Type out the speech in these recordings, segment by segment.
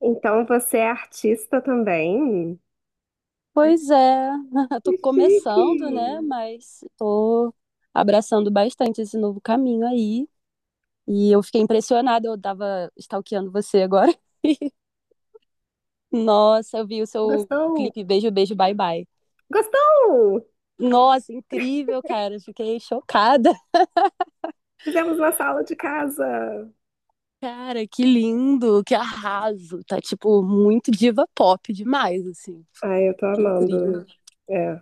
Então você é artista também? Pois é, Que tô chique! começando, né? Mas tô abraçando bastante esse novo caminho aí. E eu fiquei impressionada, eu tava stalkeando você agora. Nossa, eu vi o seu Gostou? clipe Beijo, Beijo, Bye Bye. Gostou? Nossa, incrível, cara. Fiquei chocada. Fizemos na sala de casa. Cara, que lindo, que arraso. Tá, tipo, muito diva pop demais, assim. Ai, eu tô Que amando. incrível. É,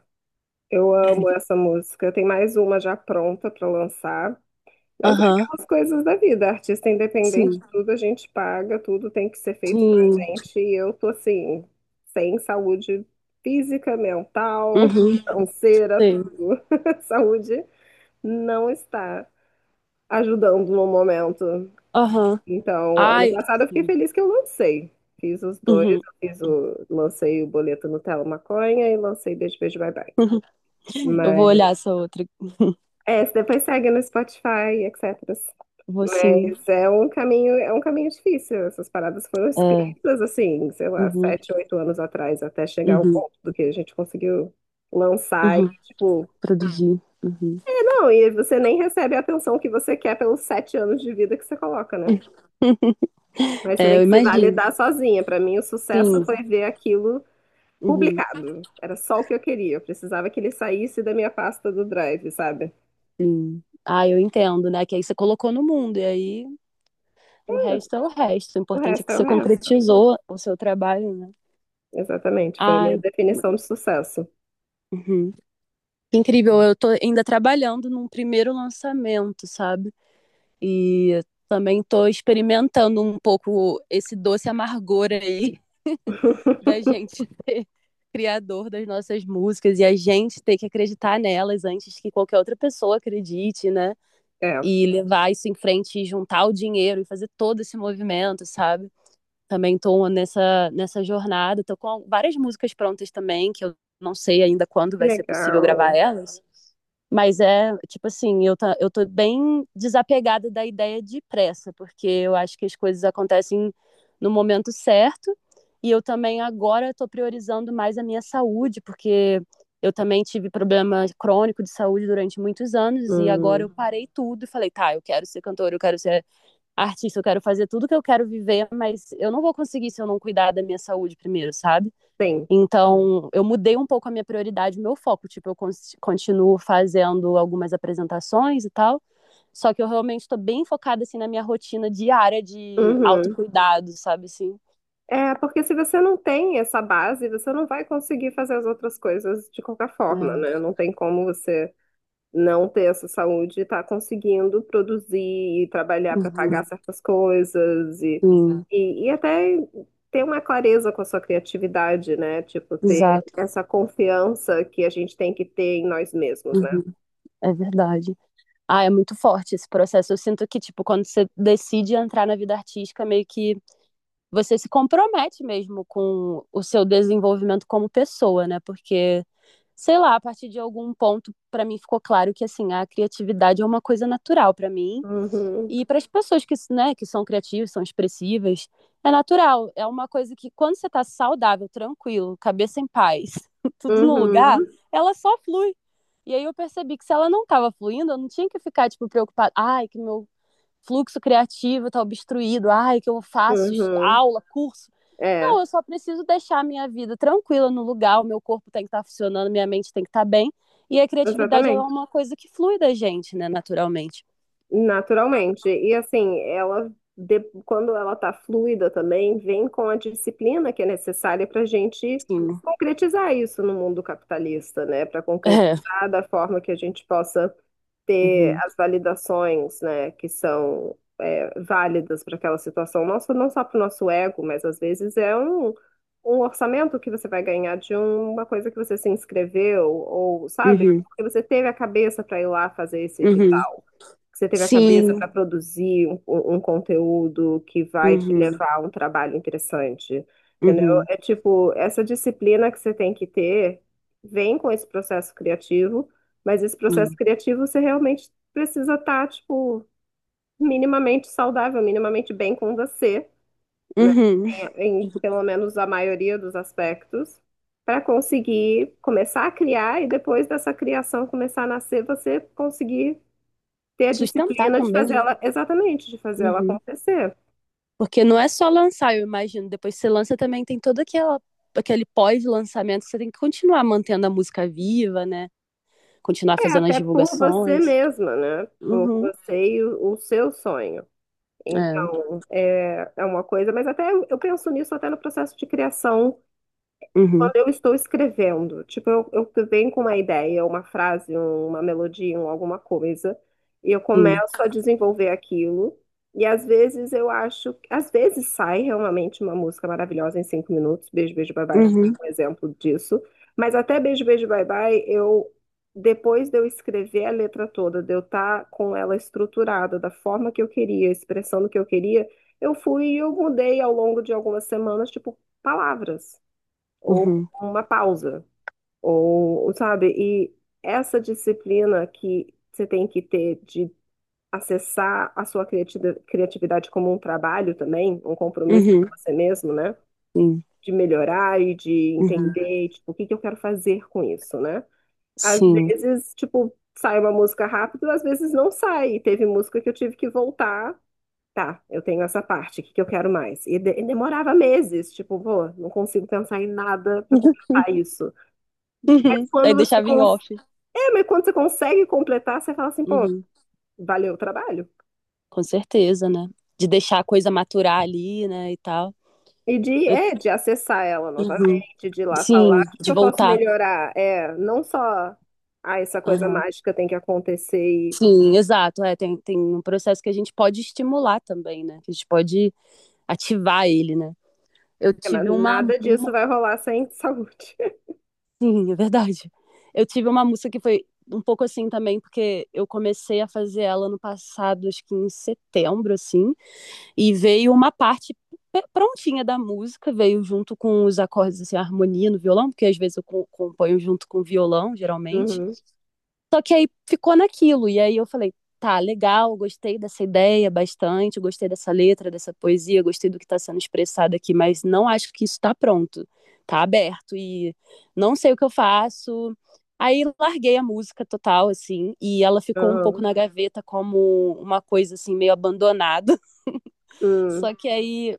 eu amo essa música. Tem mais uma já pronta pra lançar. Mas é Aham, aquelas coisas da vida. Artista independente, sim, tudo a gente paga, tudo tem que ser feito pra sim. gente. E eu tô assim, sem saúde física, mental, Uhum, financeira, sim. tudo. Saúde não está ajudando no momento. Aham. Então, ano Ai, passado eu fiquei sim. feliz que eu lancei. Fiz os dois, Uhum. eu fiz o, lancei o boleto Nutella Maconha e lancei Beijo, Beijo, Bye Bye. Eu vou Mas, olhar essa outra. Você depois segue no Spotify, etc. Vou sim. Mas é um caminho difícil. Essas paradas foram É. escritas, assim, sei lá, Uhum. sete, oito anos atrás, até chegar ao Uhum. ponto do que a gente conseguiu lançar e, Uhum. tipo, Produzir. Uhum. é, não, e você nem recebe a atenção que você quer pelos sete anos de vida que você coloca, né? Mas você É, tem eu que se imagino. validar sozinha. Para mim, o sucesso Sim. foi ver aquilo Uhum. publicado. Era só o que eu queria. Eu precisava que ele saísse da minha pasta do Drive, sabe? Sim. Ah, eu entendo, né? Que aí você colocou no mundo, e aí o resto é o resto. O O importante é resto que é o você resto. concretizou o seu trabalho, né? Exatamente. Foi a minha Ai, definição de sucesso. uhum. Que incrível, eu tô ainda trabalhando num primeiro lançamento, sabe? E também tô experimentando um pouco esse doce amargor aí da gente ser criador das nossas músicas e a gente ter que acreditar nelas antes que qualquer outra pessoa acredite, né? É. E levar isso em frente e juntar o dinheiro e fazer todo esse movimento, sabe? Também tô nessa jornada, tô com várias músicas prontas também, que eu não sei ainda quando Que vai ser possível gravar legal. elas. Mas é, tipo assim, tá, eu tô bem desapegada da ideia de pressa, porque eu acho que as coisas acontecem no momento certo. E eu também agora estou priorizando mais a minha saúde, porque eu também tive problema crônico de saúde durante muitos anos e agora Hum, eu parei tudo e falei, tá, eu quero ser cantora, eu quero ser artista, eu quero fazer tudo que eu quero viver, mas eu não vou conseguir se eu não cuidar da minha saúde primeiro, sabe? sim. Então, eu mudei um pouco a minha prioridade, o meu foco. Tipo, eu continuo fazendo algumas apresentações e tal, só que eu realmente estou bem focada, assim, na minha rotina diária de Uhum. autocuidado, sabe, assim? É, porque se você não tem essa base, você não vai conseguir fazer as outras coisas de qualquer forma, né? Não É. tem como você não ter essa saúde e tá conseguindo produzir e trabalhar para pagar Uhum. certas coisas e, Sim, e até ter uma clareza com a sua criatividade, né? Tipo, ter exato. essa confiança que a gente tem que ter em nós mesmos, né? Uhum. É verdade. Ah, é muito forte esse processo. Eu sinto que, tipo, quando você decide entrar na vida artística, meio que você se compromete mesmo com o seu desenvolvimento como pessoa, né? Porque, sei lá, a partir de algum ponto, para mim ficou claro que assim, a criatividade é uma coisa natural para mim Uhum, e para as pessoas que, né, que são criativas, são expressivas, é natural, é uma coisa que quando você está saudável, tranquilo, cabeça em paz, tudo no lugar, uhum, ela só flui. E aí eu percebi que se ela não estava fluindo, eu não tinha que ficar tipo preocupada, ai, que meu fluxo criativo está obstruído, ai, que eu faço uhum. aula, curso. É, Não, eu só preciso deixar a minha vida tranquila no lugar, o meu corpo tem que estar tá funcionando, minha mente tem que estar tá bem. E a criatividade ela é exatamente. uma coisa que flui da gente, né, naturalmente. Naturalmente. E assim, quando ela está fluida também, vem com a disciplina que é necessária para a gente Sim. concretizar isso no mundo capitalista, né? Para É. concretizar da forma que a gente possa ter Uhum. as validações, né, que são é, válidas para aquela situação nossa, não só para o nosso ego, mas às vezes é um, um orçamento que você vai ganhar de uma coisa que você se inscreveu, ou sabe, Uhum. porque você teve a cabeça para ir lá fazer esse Uhum. edital. Você teve a cabeça Sim. para produzir um, um conteúdo que vai te Uhum. levar a um trabalho interessante, entendeu? Uhum. É tipo, essa disciplina que você tem que ter vem com esse processo criativo, mas esse processo Uhum. criativo você realmente precisa estar, tipo, minimamente saudável, minimamente bem com você, né? Uhum. Em pelo menos a maioria dos aspectos, para conseguir começar a criar e depois dessa criação começar a nascer, você conseguir ter a Sustentar disciplina de também, fazer né? ela, exatamente, de fazer ela Uhum. acontecer. Porque não é só lançar, eu imagino. Depois que você lança também tem toda aquela aquele pós-lançamento, que você tem que continuar mantendo a música viva, né? Continuar É, fazendo as até por você divulgações. mesma, né? Por Uhum. você e o seu sonho. É. Então, é, é uma coisa, mas até eu penso nisso até no processo de criação Uhum. quando eu estou escrevendo. Tipo, eu venho com uma ideia, uma frase, uma melodia, um, alguma coisa, e eu Sim. começo a desenvolver aquilo. E às vezes eu acho, às vezes sai realmente uma música maravilhosa em cinco minutos. Beijo, beijo, bye bye foi Uhum. um exemplo disso. Mas até beijo, beijo, bye bye, eu depois de eu escrever a letra toda, de eu estar com ela estruturada da forma que eu queria, expressando o que eu queria, eu fui e eu mudei ao longo de algumas semanas, tipo, palavras ou Uhum. uma pausa, sabe? E essa disciplina que você tem que ter de acessar a sua criati- criatividade como um trabalho também, um compromisso com Uhum. você mesmo, né? Sim. De melhorar e de Uhum. entender, tipo, o que que eu quero fazer com isso, né? Às Sim. vezes, tipo, sai uma música rápido, às vezes não sai. E teve música que eu tive que voltar. Tá, eu tenho essa parte, o que que eu quero mais? E, e demorava meses, tipo, pô, não consigo pensar em nada pra completar isso. Mas Uhum. Aí quando você deixava em consegue. off. É, mas quando você consegue completar, você fala assim, pô, Uhum. valeu o trabalho. Com certeza, né? De deixar a coisa maturar ali, né? E tal. E de, Eu- é, de acessar ela Uhum. novamente, de ir lá falar, Sim, o que que de eu posso voltar. melhorar? É, não só, ah, essa coisa Aham. mágica tem que acontecer e. Sim, exato. É, tem um processo que a gente pode estimular também, né? Que a gente pode ativar ele, né? Eu É, mas tive uma nada disso vai rolar sem saúde. Sim, é verdade. Eu tive uma música que foi um pouco assim também, porque eu comecei a fazer ela no passado, acho que em setembro, assim, e veio uma parte prontinha da música, veio junto com os acordes, assim, a harmonia no violão, porque às vezes eu componho junto com o violão, geralmente. Uhum, Só que aí ficou naquilo. E aí eu falei, tá, legal, gostei dessa ideia bastante, gostei dessa letra, dessa poesia, gostei do que está sendo expressado aqui, mas não acho que isso está pronto. Tá aberto e não sei o que eu faço. Aí larguei a música total, assim, e ela ficou um pouco uhum, na gaveta como uma coisa, assim, meio abandonada. uhum. Só que aí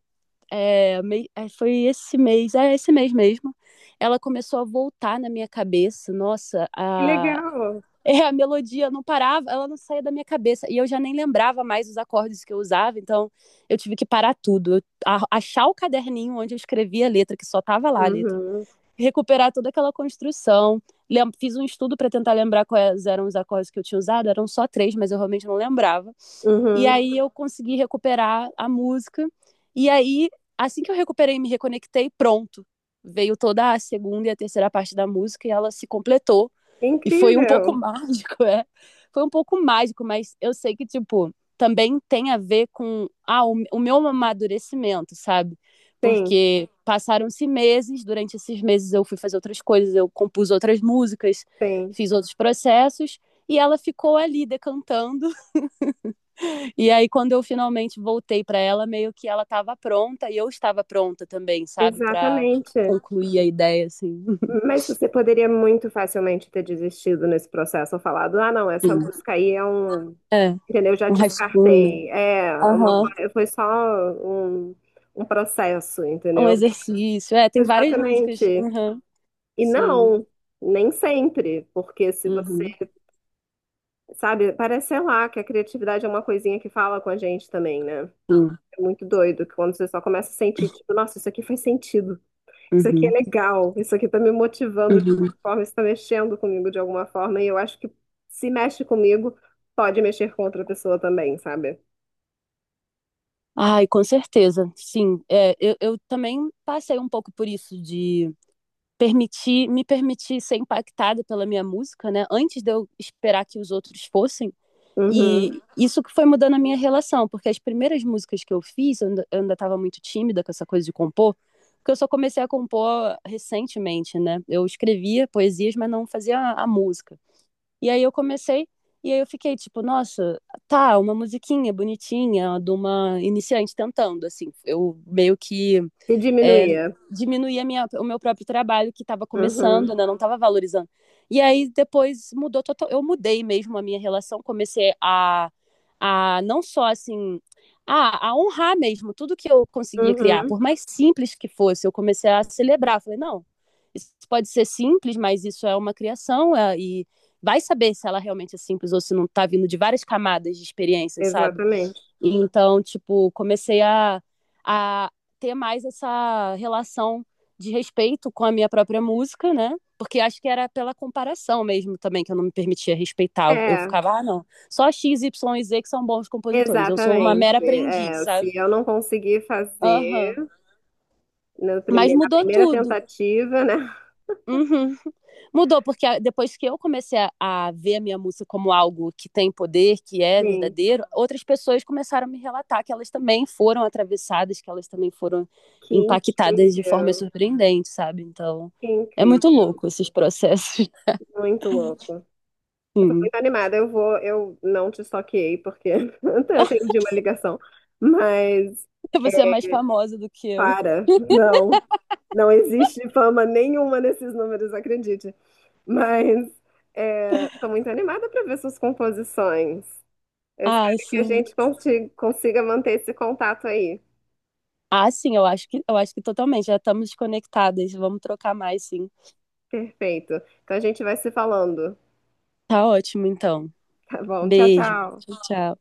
foi esse mês, é esse mês mesmo, ela começou a voltar na minha cabeça, nossa, Que legal. A melodia não parava, ela não saía da minha cabeça. E eu já nem lembrava mais os acordes que eu usava, então eu tive que parar tudo. Achar o caderninho onde eu escrevia a letra, que só tava lá a letra. Uhum, Recuperar toda aquela construção. Fiz um estudo para tentar lembrar quais eram os acordes que eu tinha usado, eram só três, mas eu realmente não lembrava. E uhum. aí eu consegui recuperar a música. E aí, assim que eu recuperei e me reconectei, pronto. Veio toda a segunda e a terceira parte da música e ela se completou e foi um pouco Incrível. mágico, é. Foi um pouco mágico, mas eu sei que, tipo, também tem a ver com o meu amadurecimento, sabe? Sim, Porque passaram-se meses, durante esses meses eu fui fazer outras coisas, eu compus outras músicas, sim. fiz outros processos, e ela ficou ali decantando. E aí, quando eu finalmente voltei para ela, meio que ela estava pronta e eu estava pronta também, sabe? Para Exatamente. concluir a ideia, assim. Mas você poderia muito facilmente ter desistido nesse processo, ou falado, ah, não, essa Enfim, música aí é um, é, entendeu? Eu já um rascunho. descartei. É uma Aham. coisa, foi só um, um processo, Um entendeu? exercício. É, tem várias músicas. Exatamente. Aham. E Sim. não, nem sempre, porque se você, Uhum. sabe, parece, sei lá, que a criatividade é uma coisinha que fala com a gente também, né? Sim. É muito doido que quando você só começa a sentir, tipo, nossa, isso aqui faz sentido. Isso aqui é Uhum. legal, isso aqui está me motivando de Uhum. alguma forma, isso está mexendo comigo de alguma forma, e eu acho que se mexe comigo, pode mexer com outra pessoa também, sabe? Ai, com certeza. Sim. É, eu também passei um pouco por isso de permitir, me permitir ser impactada pela minha música, né? Antes de eu esperar que os outros fossem. E Uhum. isso que foi mudando a minha relação, porque as primeiras músicas que eu fiz, eu ainda estava muito tímida com essa coisa de compor, porque eu só comecei a compor recentemente, né? Eu escrevia poesias, mas não fazia a música. E aí eu comecei, e aí eu fiquei tipo, nossa, tá, uma musiquinha bonitinha de uma iniciante tentando, assim. Eu meio que Se é, diminuía. diminuir a minha, o meu próprio trabalho que estava começando, Uhum. né? Não estava valorizando. E aí depois mudou total. Eu mudei mesmo a minha relação, comecei a não só assim a honrar mesmo tudo que eu conseguia criar, Uhum. por mais simples que fosse, eu comecei a celebrar. Falei, não, isso pode ser simples, mas isso é uma criação e vai saber se ela realmente é simples ou se não está vindo de várias camadas de experiências, sabe? Exatamente. Então, tipo, comecei a ter mais essa relação de respeito com a minha própria música, né? Porque acho que era pela comparação mesmo também que eu não me permitia respeitar. Eu É, ficava, ah, não, só X, Y e Z que são bons compositores. Eu sou uma exatamente. mera aprendiz, É, sabe? se eu não conseguir fazer Aham. no Mas prime- na mudou primeira tudo. tentativa, né? Uhum. Mudou, porque depois que eu comecei a ver a minha música como algo que tem poder, que é Sim, verdadeiro, outras pessoas começaram a me relatar que elas também foram atravessadas, que elas também foram que impactadas de forma incrível, surpreendente, sabe? Então, que é muito incrível, louco esses processos. muito louco. Eu tô Sim. muito animada. Eu vou, eu não te stalkeei porque eu atendi uma ligação, mas é, Você é mais famosa do que eu. para, não, não existe fama nenhuma nesses números, acredite. Mas é, tô muito animada para ver suas composições. Eu Ah, espero que a sim. gente consiga manter esse contato aí. Ah, sim, eu acho que totalmente. Já estamos conectadas. Vamos trocar mais, sim. Perfeito. Então a gente vai se falando, Tá ótimo, então. tá bom? Tchau, Beijo. Tchau, tchau. tchau.